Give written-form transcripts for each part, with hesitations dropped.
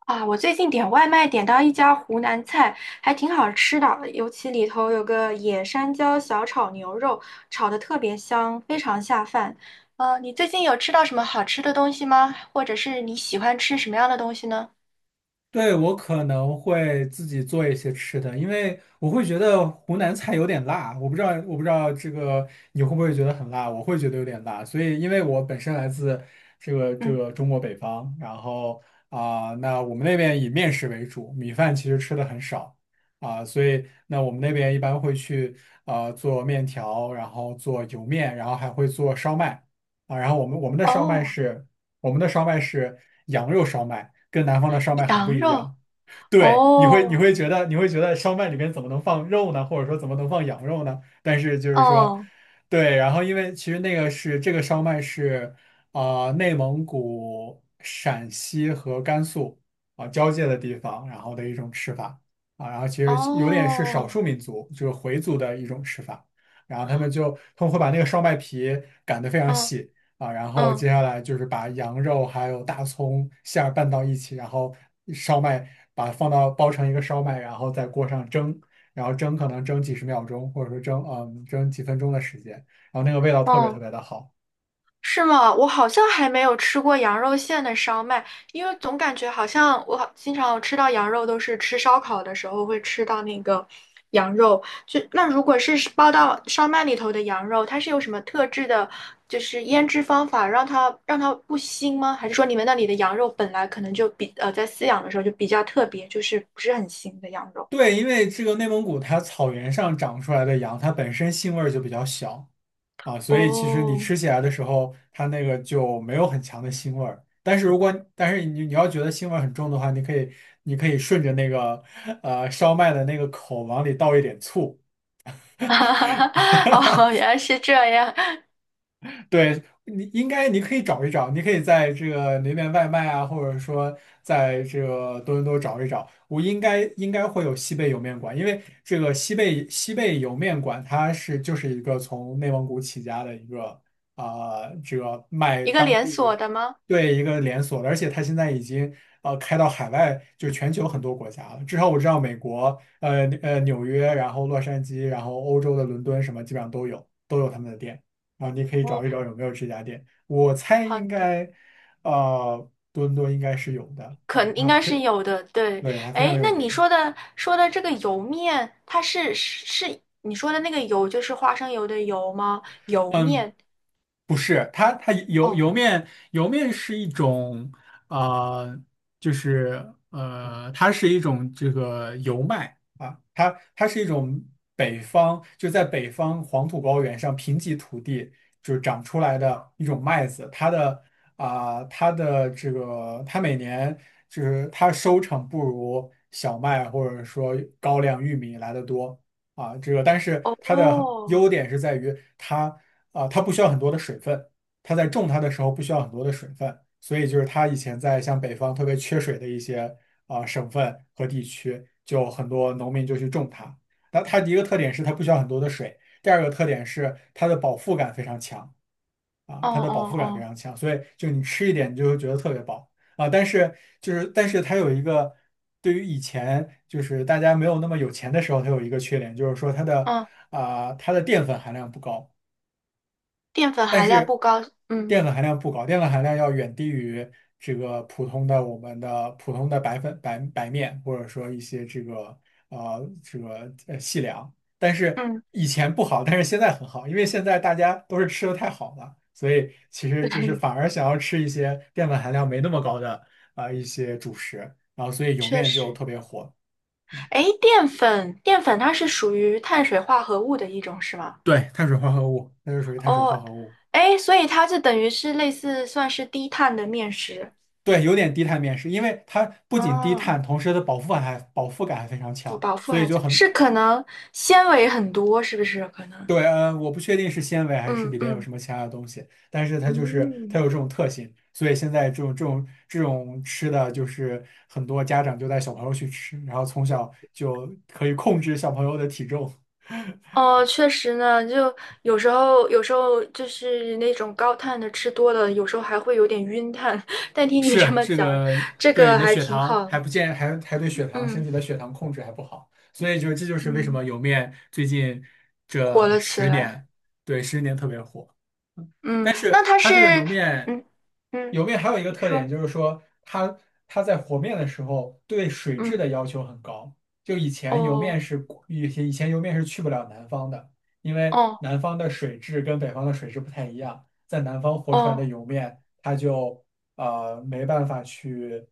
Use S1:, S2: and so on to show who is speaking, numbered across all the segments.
S1: 啊，我最近点外卖点到一家湖南菜，还挺好吃的，尤其里头有个野山椒小炒牛肉，炒的特别香，非常下饭。你最近有吃到什么好吃的东西吗？或者是你喜欢吃什么样的东西呢？
S2: 对，我可能会自己做一些吃的，因为我会觉得湖南菜有点辣，我不知道你会不会觉得很辣，我会觉得有点辣，所以因为我本身来自这个这
S1: 嗯，
S2: 个中国北方，然后那我们那边以面食为主，米饭其实吃的很少所以那我们那边一般会去做面条，然后做油面，然后还会做烧麦然后
S1: 哦，
S2: 我们的烧麦是羊肉烧麦，跟南方的烧麦很不
S1: 羊
S2: 一
S1: 肉，
S2: 样。对，
S1: 哦，
S2: 你会觉得烧麦里面怎么能放肉呢？或者说怎么能放羊肉呢？但是就是说，
S1: 哦，
S2: 对，然后因为其实那个是这个烧麦是内蒙古、陕西和甘肃交界的地方，然后的一种吃法然后其实有点是少
S1: 哦，
S2: 数民族，就是回族的一种吃法。然后他们会把那个烧麦皮擀的非常
S1: 嗯
S2: 细，然后
S1: 嗯
S2: 接下来就是把羊肉还有大葱馅儿拌到一起，然后烧麦把它放到包成一个烧麦，然后在锅上蒸，然后蒸可能蒸几十秒钟，或者说蒸几分钟的时间，然后那个味道特别特
S1: 嗯。
S2: 别的好。
S1: 是吗？我好像还没有吃过羊肉馅的烧麦，因为总感觉好像我好经常吃到羊肉都是吃烧烤的时候会吃到那个羊肉。就那如果是包到烧麦里头的羊肉，它是有什么特制的，就是腌制方法让它不腥吗？还是说你们那里的羊肉本来可能就比在饲养的时候就比较特别，就是不是很腥的羊肉？
S2: 对，因为这个内蒙古它草原上长出来的羊，它本身腥味儿就比较小，所以其实你
S1: 哦，
S2: 吃起来的时候，它那个就没有很强的腥味儿。但是你要觉得腥味儿很重的话，你可以顺着那个烧麦的那个口往里倒一点醋，
S1: 哦，原来是这样，
S2: 对，你应该你可以找一找，你可以在这个那边外卖啊，或者说在这个多伦多找一找，我应该会有西贝莜面馆，因为这个西贝莜面馆它是就是一个从内蒙古起家的一个啊、这个卖
S1: 一个
S2: 当
S1: 连
S2: 地
S1: 锁的吗？
S2: 对一个连锁的，而且它现在已经开到海外，就全球很多国家了，至少我知道美国纽约，然后洛杉矶，然后欧洲的伦敦什么基本上都有他们的店。你可以找
S1: 哦，
S2: 一找有没有这家店。我猜
S1: 好
S2: 应
S1: 的。
S2: 该，多伦多应该是有的
S1: 可
S2: 啊，
S1: 能应
S2: 它
S1: 该
S2: 非，
S1: 是有的，对。
S2: 对，它非
S1: 哎，
S2: 常
S1: 那
S2: 有
S1: 你
S2: 名。
S1: 说的这个油面，它是你说的那个油，就是花生油的油吗？油
S2: 嗯，
S1: 面，
S2: 不是，它它油
S1: 哦
S2: 油面油面是一种啊、呃就是，它是一种这个油麦啊，它是一种北方就在北方黄土高原上贫瘠土地就长出来的一种麦子，它的它的这个它每年就是它收成不如小麦或者说高粱、玉米来的多。这个，但是
S1: 哦
S2: 它的
S1: 哦
S2: 优点是在于它它不需要很多的水分，它在种它的时候不需要很多的水分，所以就是它以前在像北方特别缺水的一些省份和地区，就很多农民就去种它。那它的一个特点是它不需要很多的水，第二个特点是它的饱腹感非常强，
S1: 哦
S2: 它的饱
S1: 哦，
S2: 腹感非
S1: 哦
S2: 常强，所以就你吃一点你就会觉得特别饱啊。但是它有一个对于以前就是大家没有那么有钱的时候，它有一个缺点，就是说
S1: 嗯，
S2: 它的淀粉含量不高
S1: 淀粉
S2: 但
S1: 含量
S2: 是
S1: 不高，嗯
S2: 淀粉含量不高，淀粉含量要远低于这个普通的我们的普通的白粉白白面，或者说一些这个细粮。但是
S1: 嗯，
S2: 以前不好，但是现在很好，因为现在大家都是吃的太好了，所以其实就是
S1: 对，
S2: 反而想要吃一些淀粉含量没那么高的一些主食，然后所以莜
S1: 确
S2: 面就
S1: 实。
S2: 特别火。
S1: 哎，淀粉它是属于碳水化合物的一种，是吗？
S2: 对，碳水化合物，那就属于碳水化
S1: 哦，
S2: 合物。
S1: 哎，所以它就等于是类似算是低碳的面食。
S2: 对，有点低碳面食，因为它不仅低
S1: 哦。
S2: 碳，同时它的饱腹感还非常
S1: 不
S2: 强，
S1: 饱腹
S2: 所以
S1: 还
S2: 就
S1: 强，
S2: 很
S1: 是可能纤维很多，是不是？可能，
S2: 对。嗯，我不确定是纤维还是
S1: 嗯
S2: 里边有
S1: 嗯
S2: 什么其他的东西，但是它就是它
S1: 嗯，
S2: 有这种特性，所以现在这种吃的就是很多家长就带小朋友去吃，然后从小就可以控制小朋友的体重。
S1: 哦，确实呢，就有时候就是那种高碳的吃多了，有时候还会有点晕碳。但听你这
S2: 是
S1: 么
S2: 这
S1: 讲，
S2: 个
S1: 这
S2: 对你
S1: 个
S2: 的
S1: 还
S2: 血
S1: 挺
S2: 糖
S1: 好，
S2: 还不健，还还对血糖身
S1: 嗯
S2: 体的血糖控制还不好，所以就这就是为什
S1: 嗯，
S2: 么莜面最近
S1: 火
S2: 这
S1: 了起
S2: 十
S1: 来，
S2: 年，对十年特别火。
S1: 嗯，
S2: 但
S1: 那
S2: 是
S1: 它
S2: 它
S1: 是，
S2: 这个油面，
S1: 嗯嗯，
S2: 油面还有一个
S1: 你
S2: 特点
S1: 说，
S2: 就是说它，它在和面的时候对水质
S1: 嗯，
S2: 的要求很高。就
S1: 哦
S2: 以前油面是去不了南方的，因为
S1: 哦
S2: 南方的水质跟北方的水质不太一样，在南方和出来的
S1: 哦
S2: 油面它就没办法去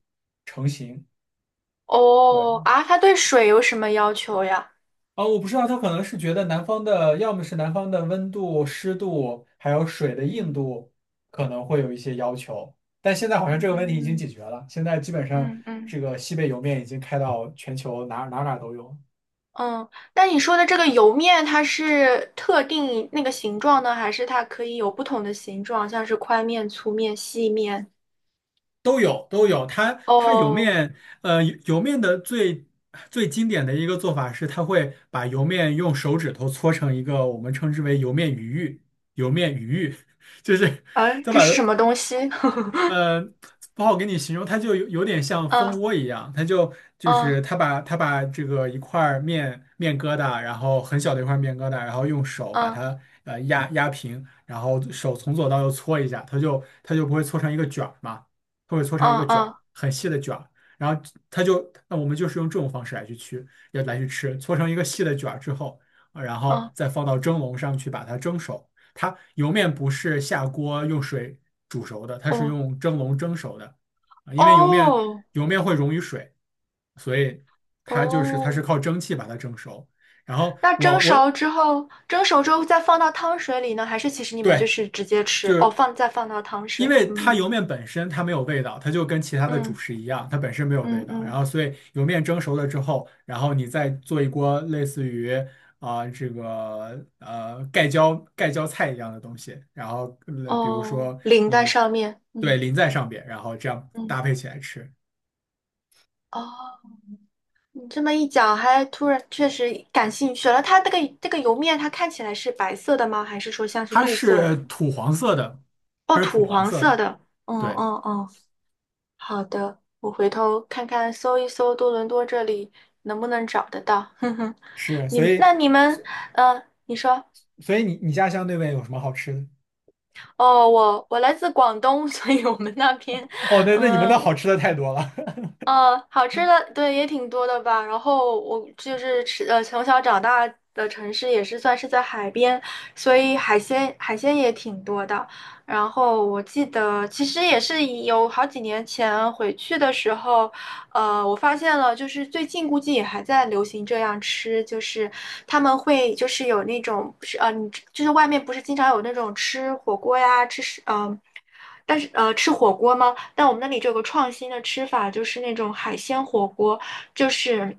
S2: 成型。
S1: 哦
S2: 对。
S1: 啊，它对水有什么要求呀？
S2: 我不知道，他可能是觉得南方的，要么是南方的温度、湿度，还有水的硬
S1: 嗯
S2: 度，可能会有一些要求。但现在好像这个问题已经
S1: 嗯
S2: 解决了，现在基本上
S1: 嗯嗯。
S2: 这个西北莜面已经开到全球哪哪哪都有。
S1: 嗯，那你说的这个油面，它是特定那个形状呢，还是它可以有不同的形状，像是宽面、粗面、细面？
S2: 莜
S1: 哦，
S2: 面，莜面的最最经典的一个做法是，它会把莜面用手指头搓成一个我们称之为莜面鱼玉，莜面鱼玉，就是
S1: 哎，
S2: 他
S1: 这
S2: 把
S1: 是
S2: 它
S1: 什么东西？
S2: 呃，不好给你形容，它就有点像蜂
S1: 嗯
S2: 窝一样，它就就
S1: 嗯
S2: 是它把这个一块儿面疙瘩，然后很小的一块面疙瘩，然后用手把
S1: 嗯
S2: 它压压平，然后手从左到右搓一下，它就不会搓成一个卷儿嘛，它会搓成一
S1: 嗯
S2: 个卷儿，
S1: 嗯
S2: 很细的卷儿，然后那我们就是用这种方式来去吃，搓成一个细的卷儿之后，然后
S1: 嗯，
S2: 再放到蒸笼上去把它蒸熟。它油面不是下锅用水煮熟的，它是
S1: 哦
S2: 用蒸笼蒸熟的，因为油面
S1: 哦
S2: 会溶于水，所以它是
S1: 哦，
S2: 靠蒸汽把它蒸熟。然后
S1: 那蒸熟之后，蒸熟之后再放到汤水里呢，还是其实你们就
S2: 对，
S1: 是直接吃？
S2: 就
S1: 哦，
S2: 是
S1: 放再放到汤
S2: 因
S1: 水，
S2: 为它
S1: 嗯
S2: 油面本身它没有味道，它就跟其他的主
S1: 嗯
S2: 食一样，它本身没有味
S1: 嗯
S2: 道。然
S1: 嗯，
S2: 后，所以油面蒸熟了之后，然后你再做一锅类似于这个盖浇菜一样的东西，然后比如
S1: 哦，
S2: 说
S1: 淋在
S2: 你
S1: 上面，
S2: 对
S1: 嗯
S2: 淋在上边，然后这样
S1: 嗯，
S2: 搭配起来吃，
S1: 哦。你这么一讲，还突然确实感兴趣了。它这个油面，它看起来是白色的吗？还是说像是
S2: 它
S1: 绿色
S2: 是
S1: 的？
S2: 土黄色的，
S1: 哦，
S2: 它是土
S1: 土
S2: 黄
S1: 黄
S2: 色
S1: 色
S2: 的，
S1: 的。嗯
S2: 对，
S1: 嗯嗯，好的，我回头看看，搜一搜多伦多这里能不能找得到。哼哼，
S2: 是，
S1: 你们那你们，嗯，你说，
S2: 所以你家乡那边有什么好吃的？
S1: 哦，我来自广东，所以我们那边，
S2: 哦，那那你们那
S1: 嗯、
S2: 好吃的太多了。
S1: 好吃的对也挺多的吧。然后我就是吃从小长大的城市也是算是在海边，所以海鲜也挺多的。然后我记得其实也是有好几年前回去的时候。我发现了，就是最近估计也还在流行这样吃，就是他们会就是有那种是你就是外面不是经常有那种吃火锅呀，吃是但是吃火锅吗？但我们那里就有个创新的吃法，就是那种海鲜火锅，就是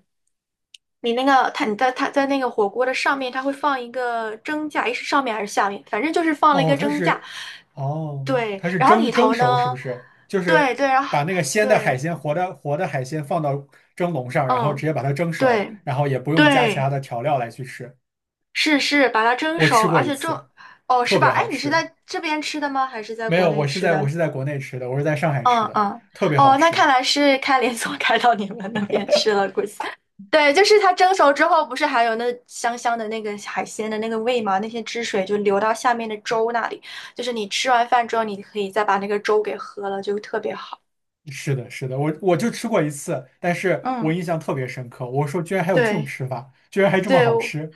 S1: 你那个它你在它在那个火锅的上面，它会放一个蒸架，诶是上面还是下面？反正就是放了一
S2: 哦，
S1: 个蒸架，
S2: 哦，
S1: 对，
S2: 它是
S1: 然后里
S2: 蒸
S1: 头
S2: 熟是不
S1: 呢，
S2: 是？就是
S1: 对对，然后
S2: 把那个鲜的海
S1: 对，
S2: 鲜、活的海鲜放到蒸笼上，然后直
S1: 嗯。
S2: 接把它蒸熟，
S1: 对，
S2: 然后也不用加其他
S1: 对，
S2: 的调料来去吃。
S1: 是是，把它蒸
S2: 我
S1: 熟，
S2: 吃过
S1: 而
S2: 一
S1: 且蒸，
S2: 次，
S1: 哦，
S2: 特
S1: 是
S2: 别
S1: 吧？哎，
S2: 好
S1: 你是
S2: 吃。
S1: 在这边吃的吗？还是在
S2: 没
S1: 国
S2: 有，
S1: 内吃
S2: 我
S1: 的？
S2: 是在国内吃的，我是在上海吃
S1: 嗯
S2: 的，
S1: 嗯，
S2: 特别好
S1: 哦，那
S2: 吃。
S1: 看来是开连锁 开到你们那边吃了，估计。对，就是它蒸熟之后，不是还有那香香的那个海鲜的那个味吗？那些汁水就流到下面的粥那里，就是你吃完饭之后，你可以再把那个粥给喝了，就特别好。
S2: 是的，是的，我就吃过一次，但是我
S1: 嗯，
S2: 印象特别深刻。我说，居然还有这种
S1: 对
S2: 吃法，居然还这么
S1: 对，
S2: 好吃。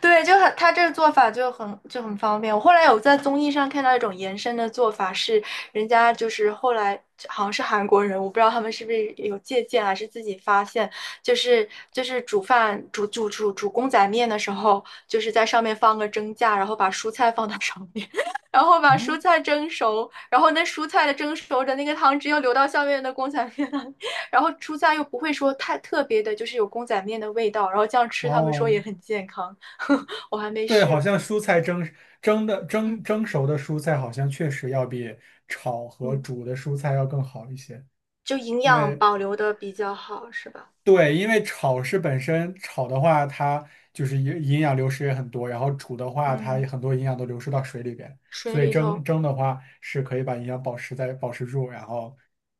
S1: 对，就很，他这个做法就很就很方便。我后来有在综艺上看到一种延伸的做法是，人家就是后来好像是韩国人，我不知道他们是不是有借鉴还是自己发现，就是煮饭煮煮煮煮公仔面的时候，就是在上面放个蒸架，然后把蔬菜放到上面，然后把蔬
S2: 啊！
S1: 菜蒸熟，然后那蔬菜的蒸熟的那个汤汁又流到下面的公仔面那里然后蔬菜又不会说太特别的，就是有公仔面的味道，然后这样吃，他们说也
S2: 哦，
S1: 很健康。我还没
S2: 对，
S1: 试
S2: 好
S1: 过。
S2: 像蔬菜蒸蒸的蒸
S1: 嗯
S2: 蒸熟的蔬菜，好像确实要比炒和
S1: 嗯，
S2: 煮的蔬菜要更好一些。
S1: 就营
S2: 因
S1: 养
S2: 为
S1: 保留的比较好，是吧？
S2: 对，因为本身炒的话，它就是营养流失也很多，然后煮的话，它
S1: 嗯，
S2: 很多营养都流失到水里边，
S1: 水
S2: 所以
S1: 里头，
S2: 蒸的话是可以把营养保持住，然后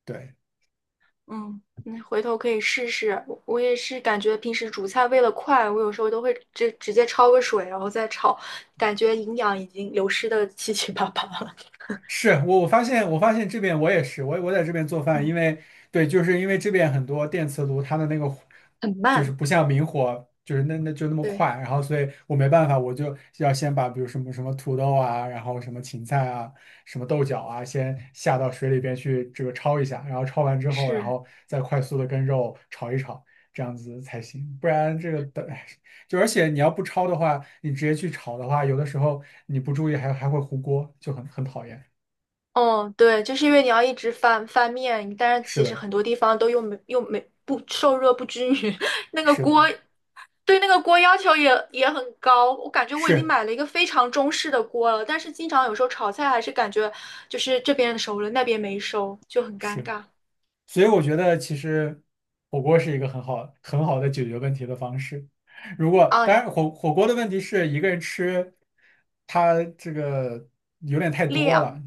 S2: 对。
S1: 嗯，你回头可以试试。我也是感觉平时煮菜为了快，我有时候都会直接焯个水，然后再炒，感觉营养已经流失的七七八八了
S2: 是发现这边我也是我我在这边做 饭，因
S1: 嗯，
S2: 为对，就是因为这边很多电磁炉它的那个火
S1: 很
S2: 就是
S1: 慢。
S2: 不像明火，就是那就那么快，
S1: 对，
S2: 然后所以我没办法，我就要先把比如什么什么土豆啊，然后什么芹菜啊，什么豆角啊，先下到水里边去这个焯一下，然后焯完之后，然
S1: 是，
S2: 后再快速的跟肉炒一炒，这样子才行，不然这个等。而且你要不焯的话，你直接去炒的话，有的时候你不注意还会糊锅，就很讨厌。
S1: 哦，对，就是因为你要一直翻翻面，但是
S2: 是
S1: 其实
S2: 的，
S1: 很多地方都又没又没不受热不均匀，那个
S2: 是的，
S1: 锅对那个锅要求也很高，我感觉我已经
S2: 是
S1: 买了一个非常中式的锅了，但是经常有时候炒菜还是感觉就是这边熟了，那边没熟，就很尴
S2: 是，
S1: 尬
S2: 所以我觉得其实火锅是一个很好很好的解决问题的方式。如果当
S1: 啊。
S2: 然火锅的问题是一个人吃，它这个有点太多
S1: 量，
S2: 了，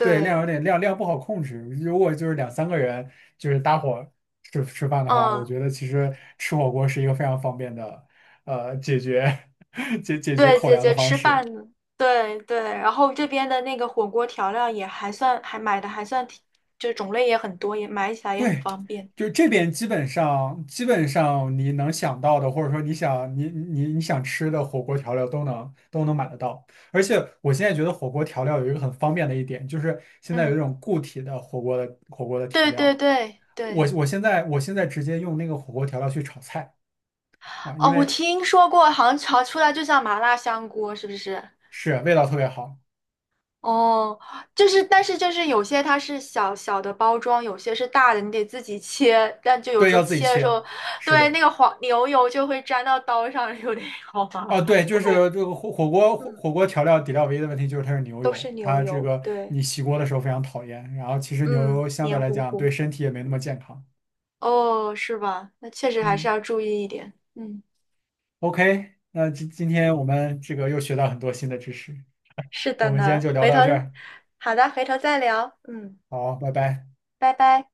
S2: 对，量有点量不好控制。如果就是两三个人就是搭伙吃饭的话，我
S1: 嗯，
S2: 觉得其实吃火锅是一个非常方便的解决 解决
S1: 对，
S2: 口
S1: 姐
S2: 粮的
S1: 姐
S2: 方
S1: 吃饭
S2: 式。
S1: 呢，对对，然后这边的那个火锅调料也还算，还买的还算挺，就是种类也很多，也买起来也很
S2: 对，
S1: 方便。
S2: 就这边基本上你能想到的，或者说你你你想吃的火锅调料都能买得到。而且我现在觉得火锅调料有一个很方便的一点，就是现在有
S1: 嗯，
S2: 一种固体的火锅的调
S1: 对对
S2: 料。
S1: 对对，
S2: 我现在直接用那个火锅调料去炒菜啊，因
S1: 哦，我
S2: 为
S1: 听说过，好像炒出来就像麻辣香锅，是不是？
S2: 是味道特别好。
S1: 哦，就是，但是就是有些它是小小的包装，有些是大的，你得自己切。但就有
S2: 对，
S1: 时候
S2: 要自己
S1: 切的时
S2: 切。
S1: 候，
S2: 是
S1: 对，
S2: 的。
S1: 那个黄牛油就会粘到刀上，有点好麻烦。
S2: 对，就是这个
S1: 嗯，
S2: 火锅调料底料唯一的问题就是它是牛
S1: 都
S2: 油，
S1: 是牛
S2: 它这
S1: 油，
S2: 个
S1: 对，
S2: 你洗锅的时候非常讨厌。然后其实牛
S1: 嗯，
S2: 油相对
S1: 黏
S2: 来
S1: 糊
S2: 讲对
S1: 糊。
S2: 身体也没那么健康。
S1: 哦，是吧？那确实还是
S2: 嗯
S1: 要注意一点。嗯，
S2: ，OK，那今天我们这个又学到很多新的知识，
S1: 是
S2: 我
S1: 的
S2: 们今天
S1: 呢，
S2: 就聊
S1: 回头，
S2: 到这儿，
S1: 好的，回头再聊。嗯，
S2: 好，拜拜。
S1: 拜拜。